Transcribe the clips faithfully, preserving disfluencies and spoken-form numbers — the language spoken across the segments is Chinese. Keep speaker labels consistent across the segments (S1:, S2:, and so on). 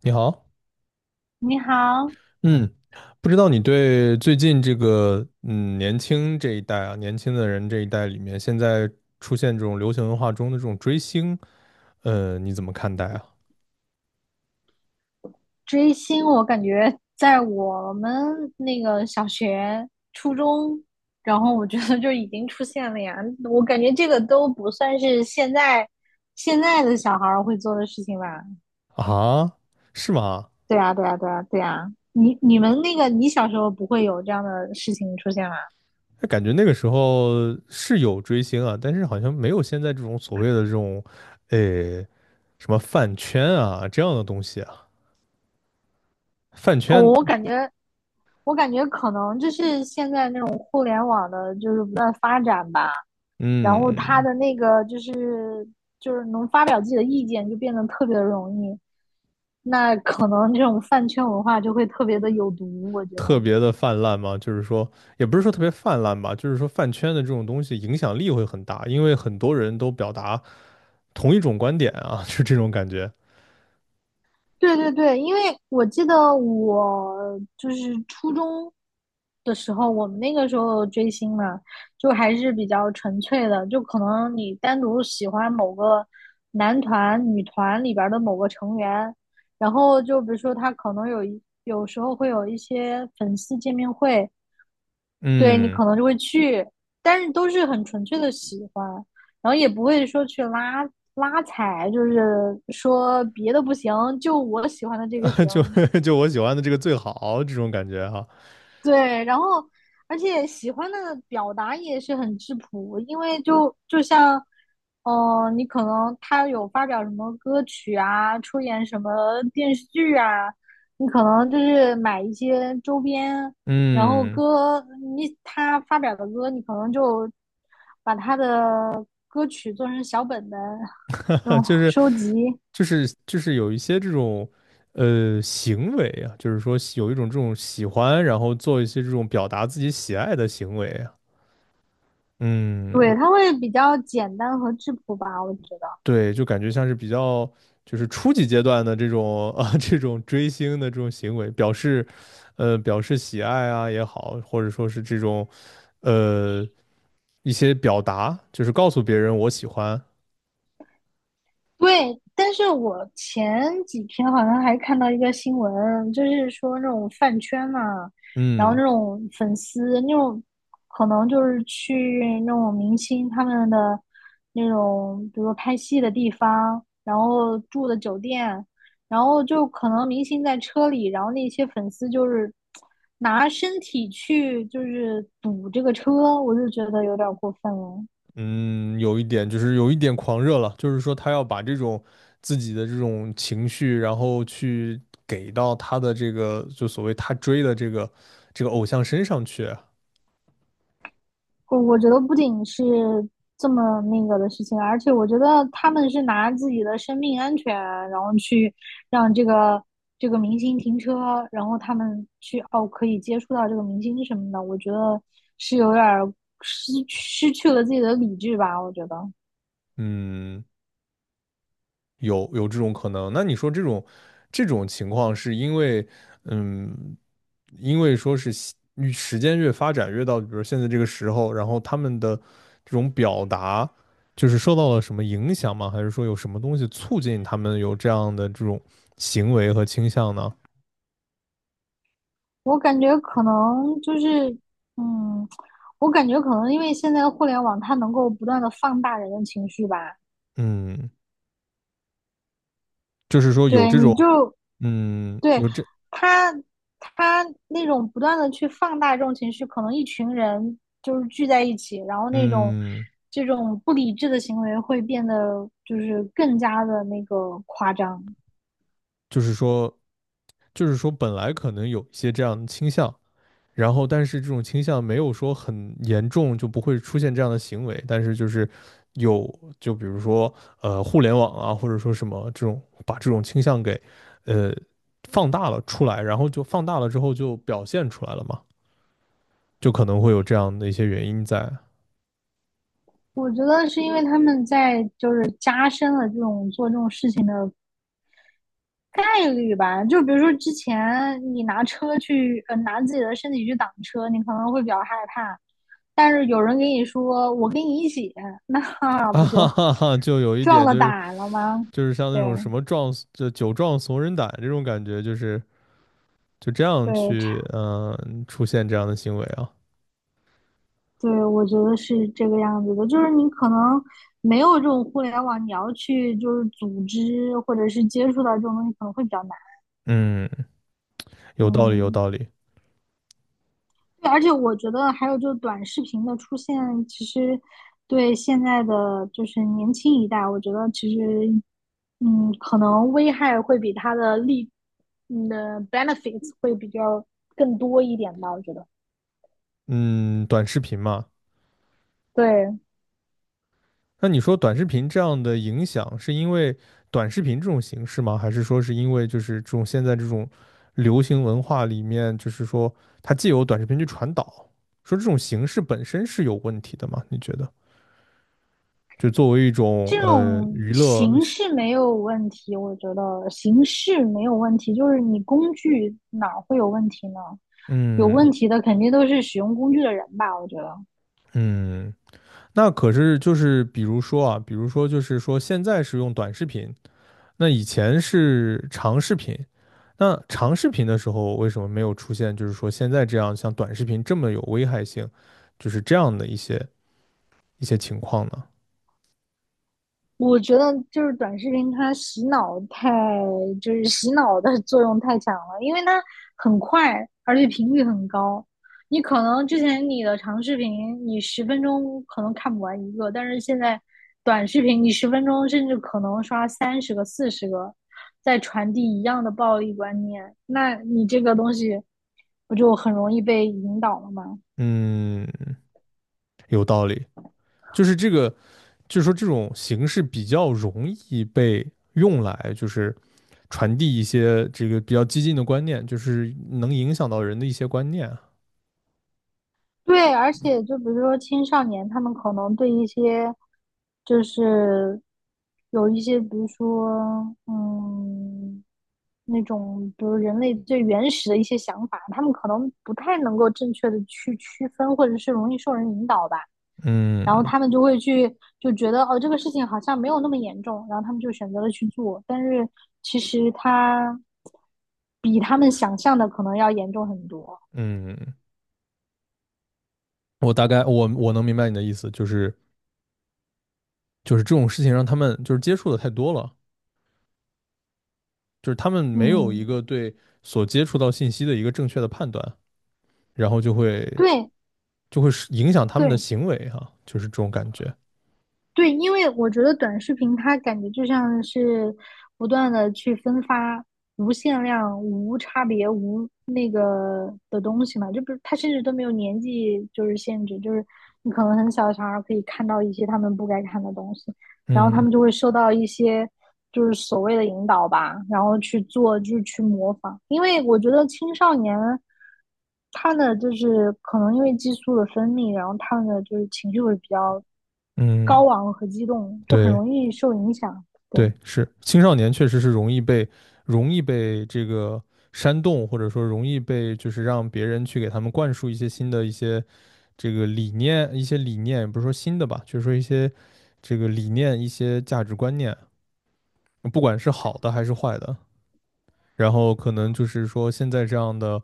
S1: 你好，
S2: 你好。
S1: 嗯，不知道你对最近这个嗯年轻这一代啊，年轻的人这一代里面，现在出现这种流行文化中的这种追星，呃，你怎么看待啊？
S2: 追星我感觉在我们那个小学、初中，然后我觉得就已经出现了呀。我感觉这个都不算是现在现在的小孩儿会做的事情吧？
S1: 啊，是吗？
S2: 对啊，对啊，对啊，对啊。你你们那个，你小时候不会有这样的事情出现吗？
S1: 那感觉那个时候是有追星啊，但是好像没有现在这种所谓的这种，呃，什么饭圈啊这样的东西啊，饭
S2: 哦，
S1: 圈，
S2: 我感觉我感觉可能就是现在那种互联网的，就是不断发展吧。然后他
S1: 嗯。
S2: 的那个就是就是能发表自己的意见就变得特别的容易，那可能这种饭圈文化就会特别的有毒，我觉得。
S1: 特别的泛滥吗？就是说，也不是说特别泛滥吧，就是说饭圈的这种东西影响力会很大，因为很多人都表达同一种观点啊，就这种感觉。
S2: 对对对。因为我记得我就是初中的时候，我们那个时候追星嘛，就还是比较纯粹的，就可能你单独喜欢某个男团、女团里边的某个成员，然后就比如说他可能有一有时候会有一些粉丝见面会，对你
S1: 嗯，
S2: 可能就会去，但是都是很纯粹的喜欢，然后也不会说去拉拉踩，就是说别的不行，就我喜欢的这个 行。
S1: 就 就我喜欢的这个最好这种感觉哈。
S2: 对，然后而且喜欢的表达也是很质朴，因为就就像，嗯、呃你可能他有发表什么歌曲啊，出演什么电视剧啊，你可能就是买一些周边，然后
S1: 嗯，
S2: 歌，你他发表的歌，你可能就歌曲做成小本本那 种
S1: 就是
S2: 收集。
S1: 就是就是有一些这种呃行为啊，就是说喜有一种这种喜欢，然后做一些这种表达自己喜爱的行为啊。嗯，
S2: 对，它会比较简单和质朴吧，我觉得。
S1: 对，就感觉像是比较就是初级阶段的这种啊 这种追星的这种行为，表示呃表示喜爱啊也好，或者说是这种呃一些表达，就是告诉别人我喜欢。
S2: 对，但是我前几天好像还看到一个新闻，就是说那种饭圈嘛，然后
S1: 嗯
S2: 那种粉丝，那种可能就是去那种明星他们的那种，比如说拍戏的地方，然后住的酒店，然后就可能明星在车里，然后那些粉丝就是拿身体去就是堵这个车，我就觉得有点过分了。
S1: 嗯，有一点就是有一点狂热了，就是说他要把这种自己的这种情绪，然后去给到他的这个就所谓他追的这个这个偶像身上去啊。
S2: 我我觉得不仅是这么那个的事情，而且我觉得他们是拿自己的生命安全，然后去让这个这个明星停车，然后他们去哦可以接触到这个明星什么的，我觉得是有点儿失失去了自己的理智吧。我觉得，
S1: 嗯。有有这种可能。那你说这种这种情况是因为，嗯，因为说是西与时间越发展越到，比如现在这个时候，然后他们的这种表达就是受到了什么影响吗？还是说有什么东西促进他们有这样的这种行为和倾向呢？
S2: 我感觉可能就是嗯，我感觉可能因为现在的互联网，它能够不断的放大人的情绪吧。
S1: 嗯，就是说有
S2: 对，
S1: 这
S2: 你
S1: 种，
S2: 就
S1: 嗯，
S2: 对，
S1: 有这，
S2: 他他那种不断的去放大这种情绪，可能一群人就是聚在一起，然后那种
S1: 嗯，
S2: 这种不理智的行为会变得就是更加的那个夸张。
S1: 就是说，就是说本来可能有一些这样的倾向。然后但是这种倾向没有说很严重，就不会出现这样的行为，但是就是有，就比如说呃互联网啊，或者说什么这种把这种倾向给呃放大了出来，然后就放大了之后就表现出来了嘛，就可能会有这样的一些原因在。
S2: 我觉得是因为他们在就是加深了这种做这种事情的概率吧。就比如说之前你拿车去，呃，拿自己的身体去挡车，你可能会比较害怕，但是有人给你说我跟你一起
S1: 啊哈哈哈，就有一
S2: 撞
S1: 点
S2: 了
S1: 就是
S2: 打了吗？
S1: 就是像那种什
S2: 对，
S1: 么壮就酒壮怂人胆这种感觉，就是就这样
S2: 对。
S1: 去
S2: 差，
S1: 嗯、呃出现这样的行为啊。
S2: 对，我觉得是这个样子的，就是你可能没有这种互联网，你要去就是组织或者是接触到这种东西，可能会比较难。
S1: 嗯，有道理有
S2: 嗯，
S1: 道理。
S2: 对，而且我觉得还有就是短视频的出现，其实对现在的就是年轻一代，我觉得其实嗯，可能危害会比它的利，嗯的 benefits 会比较更多一点吧，我觉得。
S1: 嗯，短视频嘛。
S2: 对，
S1: 那你说短视频这样的影响，是因为短视频这种形式吗？还是说是因为就是这种现在这种流行文化里面，就是说它既有短视频去传导，说这种形式本身是有问题的吗？你觉得？就作为一种
S2: 这
S1: 呃
S2: 种
S1: 娱乐。
S2: 形式没有问题，我觉得形式没有问题，就是你工具哪会有问题呢？有
S1: 嗯
S2: 问题的肯定都是使用工具的人吧，我觉得。
S1: 嗯，那可是就是比如说啊，比如说就是说现在是用短视频。那以前是长视频，那长视频的时候为什么没有出现，就是说现在这样像短视频这么有危害性，就是这样的一些一些情况呢？
S2: 我觉得就是短视频，它洗脑太，就是洗脑的作用太强了，因为它很快，而且频率很高。你可能之前你的长视频，你十分钟可能看不完一个，但是现在短视频，你十分钟甚至可能刷三十个、四十个，在传递一样的暴力观念，那你这个东西不就很容易被引导了吗？
S1: 嗯，有道理，就是这个，就是说这种形式比较容易被用来就是传递一些这个比较激进的观念，就是能影响到人的一些观念啊。
S2: 对，而且就比如说青少年，他们可能对一些就是有一些，比如说嗯，那种比如人类最原始的一些想法，他们可能不太能够正确的去区分，或者是容易受人引导吧。然后
S1: 嗯
S2: 他们就会去就觉得哦，这个事情好像没有那么严重，然后他们就选择了去做，但是其实他比他们想象的可能要严重很多。
S1: 嗯，我大概我我能明白你的意思，就是就是这种事情让他们就是接触的太多了。就是他们没有一
S2: 嗯，
S1: 个对所接触到信息的一个正确的判断，然后就会
S2: 对。
S1: 就会是影响他们的
S2: 对，
S1: 行为哈。就是这种感觉。
S2: 对，因为我觉得短视频它感觉就像是不断的去分发无限量、无差别、无那个的东西嘛，就不是它甚至都没有年纪就是限制，就是你可能很小的小孩可以看到一些他们不该看的东西，然后他
S1: 嗯
S2: 们就会受到一些就是所谓的引导吧，然后去做，就是去模仿。因为我觉得青少年他的就是可能因为激素的分泌，然后他们的就是情绪会比较
S1: 嗯，
S2: 高昂和激动，就很
S1: 对
S2: 容易受影响。对，
S1: 对，是青少年确实是容易被容易被这个煽动，或者说容易被就是让别人去给他们灌输一些新的一些这个理念，一些理念也不是说新的吧，就是说一些这个理念、一些价值观念，不管是好的还是坏的，然后可能就是说现在这样的，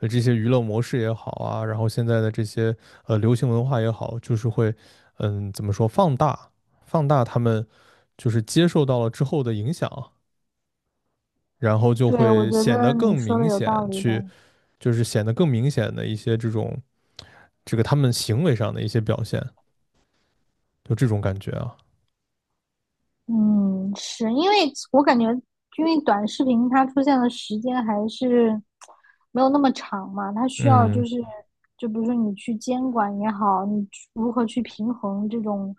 S1: 呃这些娱乐模式也好啊，然后现在的这些呃流行文化也好，就是会，嗯，怎么说，放大放大他们就是接受到了之后的影响，然后就
S2: 对，我
S1: 会
S2: 觉
S1: 显得
S2: 得
S1: 更
S2: 你说的
S1: 明
S2: 有
S1: 显
S2: 道理的。
S1: 去，就是显得更明显的一些这种这个他们行为上的一些表现，就这种感觉啊。
S2: 嗯，是因为我感觉，因为短视频它出现的时间还是没有那么长嘛，它需要就
S1: 嗯
S2: 是，就比如说你去监管也好，你去如何去平衡这种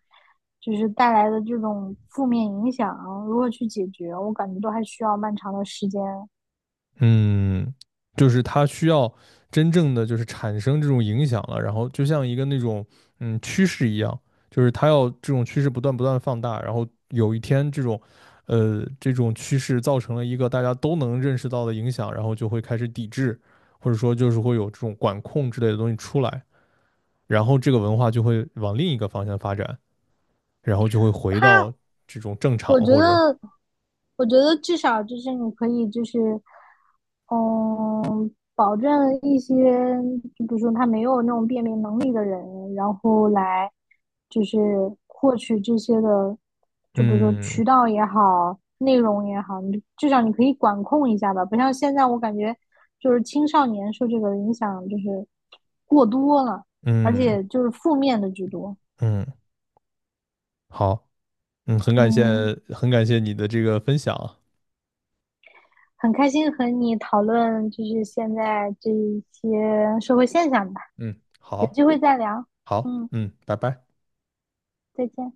S2: 就是带来的这种负面影响，如何去解决，我感觉都还需要漫长的时间。
S1: 嗯，就是它需要真正的就是产生这种影响了，然后就像一个那种嗯趋势一样，就是它要这种趋势不断不断放大，然后有一天这种呃这种趋势造成了一个大家都能认识到的影响，然后就会开始抵制，或者说就是会有这种管控之类的东西出来，然后这个文化就会往另一个方向发展，然后就会回到
S2: 它
S1: 这种正常
S2: 我觉
S1: 或者。
S2: 得，我觉得至少就是你可以就是，嗯，保证一些，就比如说他没有那种辨别能力的人，然后来就是获取这些的，就比如说
S1: 嗯
S2: 渠道也好，内容也好，你至少你可以管控一下吧，不像现在我感觉就是青少年受这个影响就是过多了，而
S1: 嗯
S2: 且就是负面的居多。
S1: 嗯。好。嗯，很感谢，
S2: 嗯。
S1: 很感谢你的这个分享啊。
S2: 很开心和你讨论，就是现在这一些社会现象吧，
S1: 嗯，
S2: 有
S1: 好，
S2: 机会再聊。
S1: 好，
S2: 嗯，
S1: 嗯，拜拜。
S2: 再见。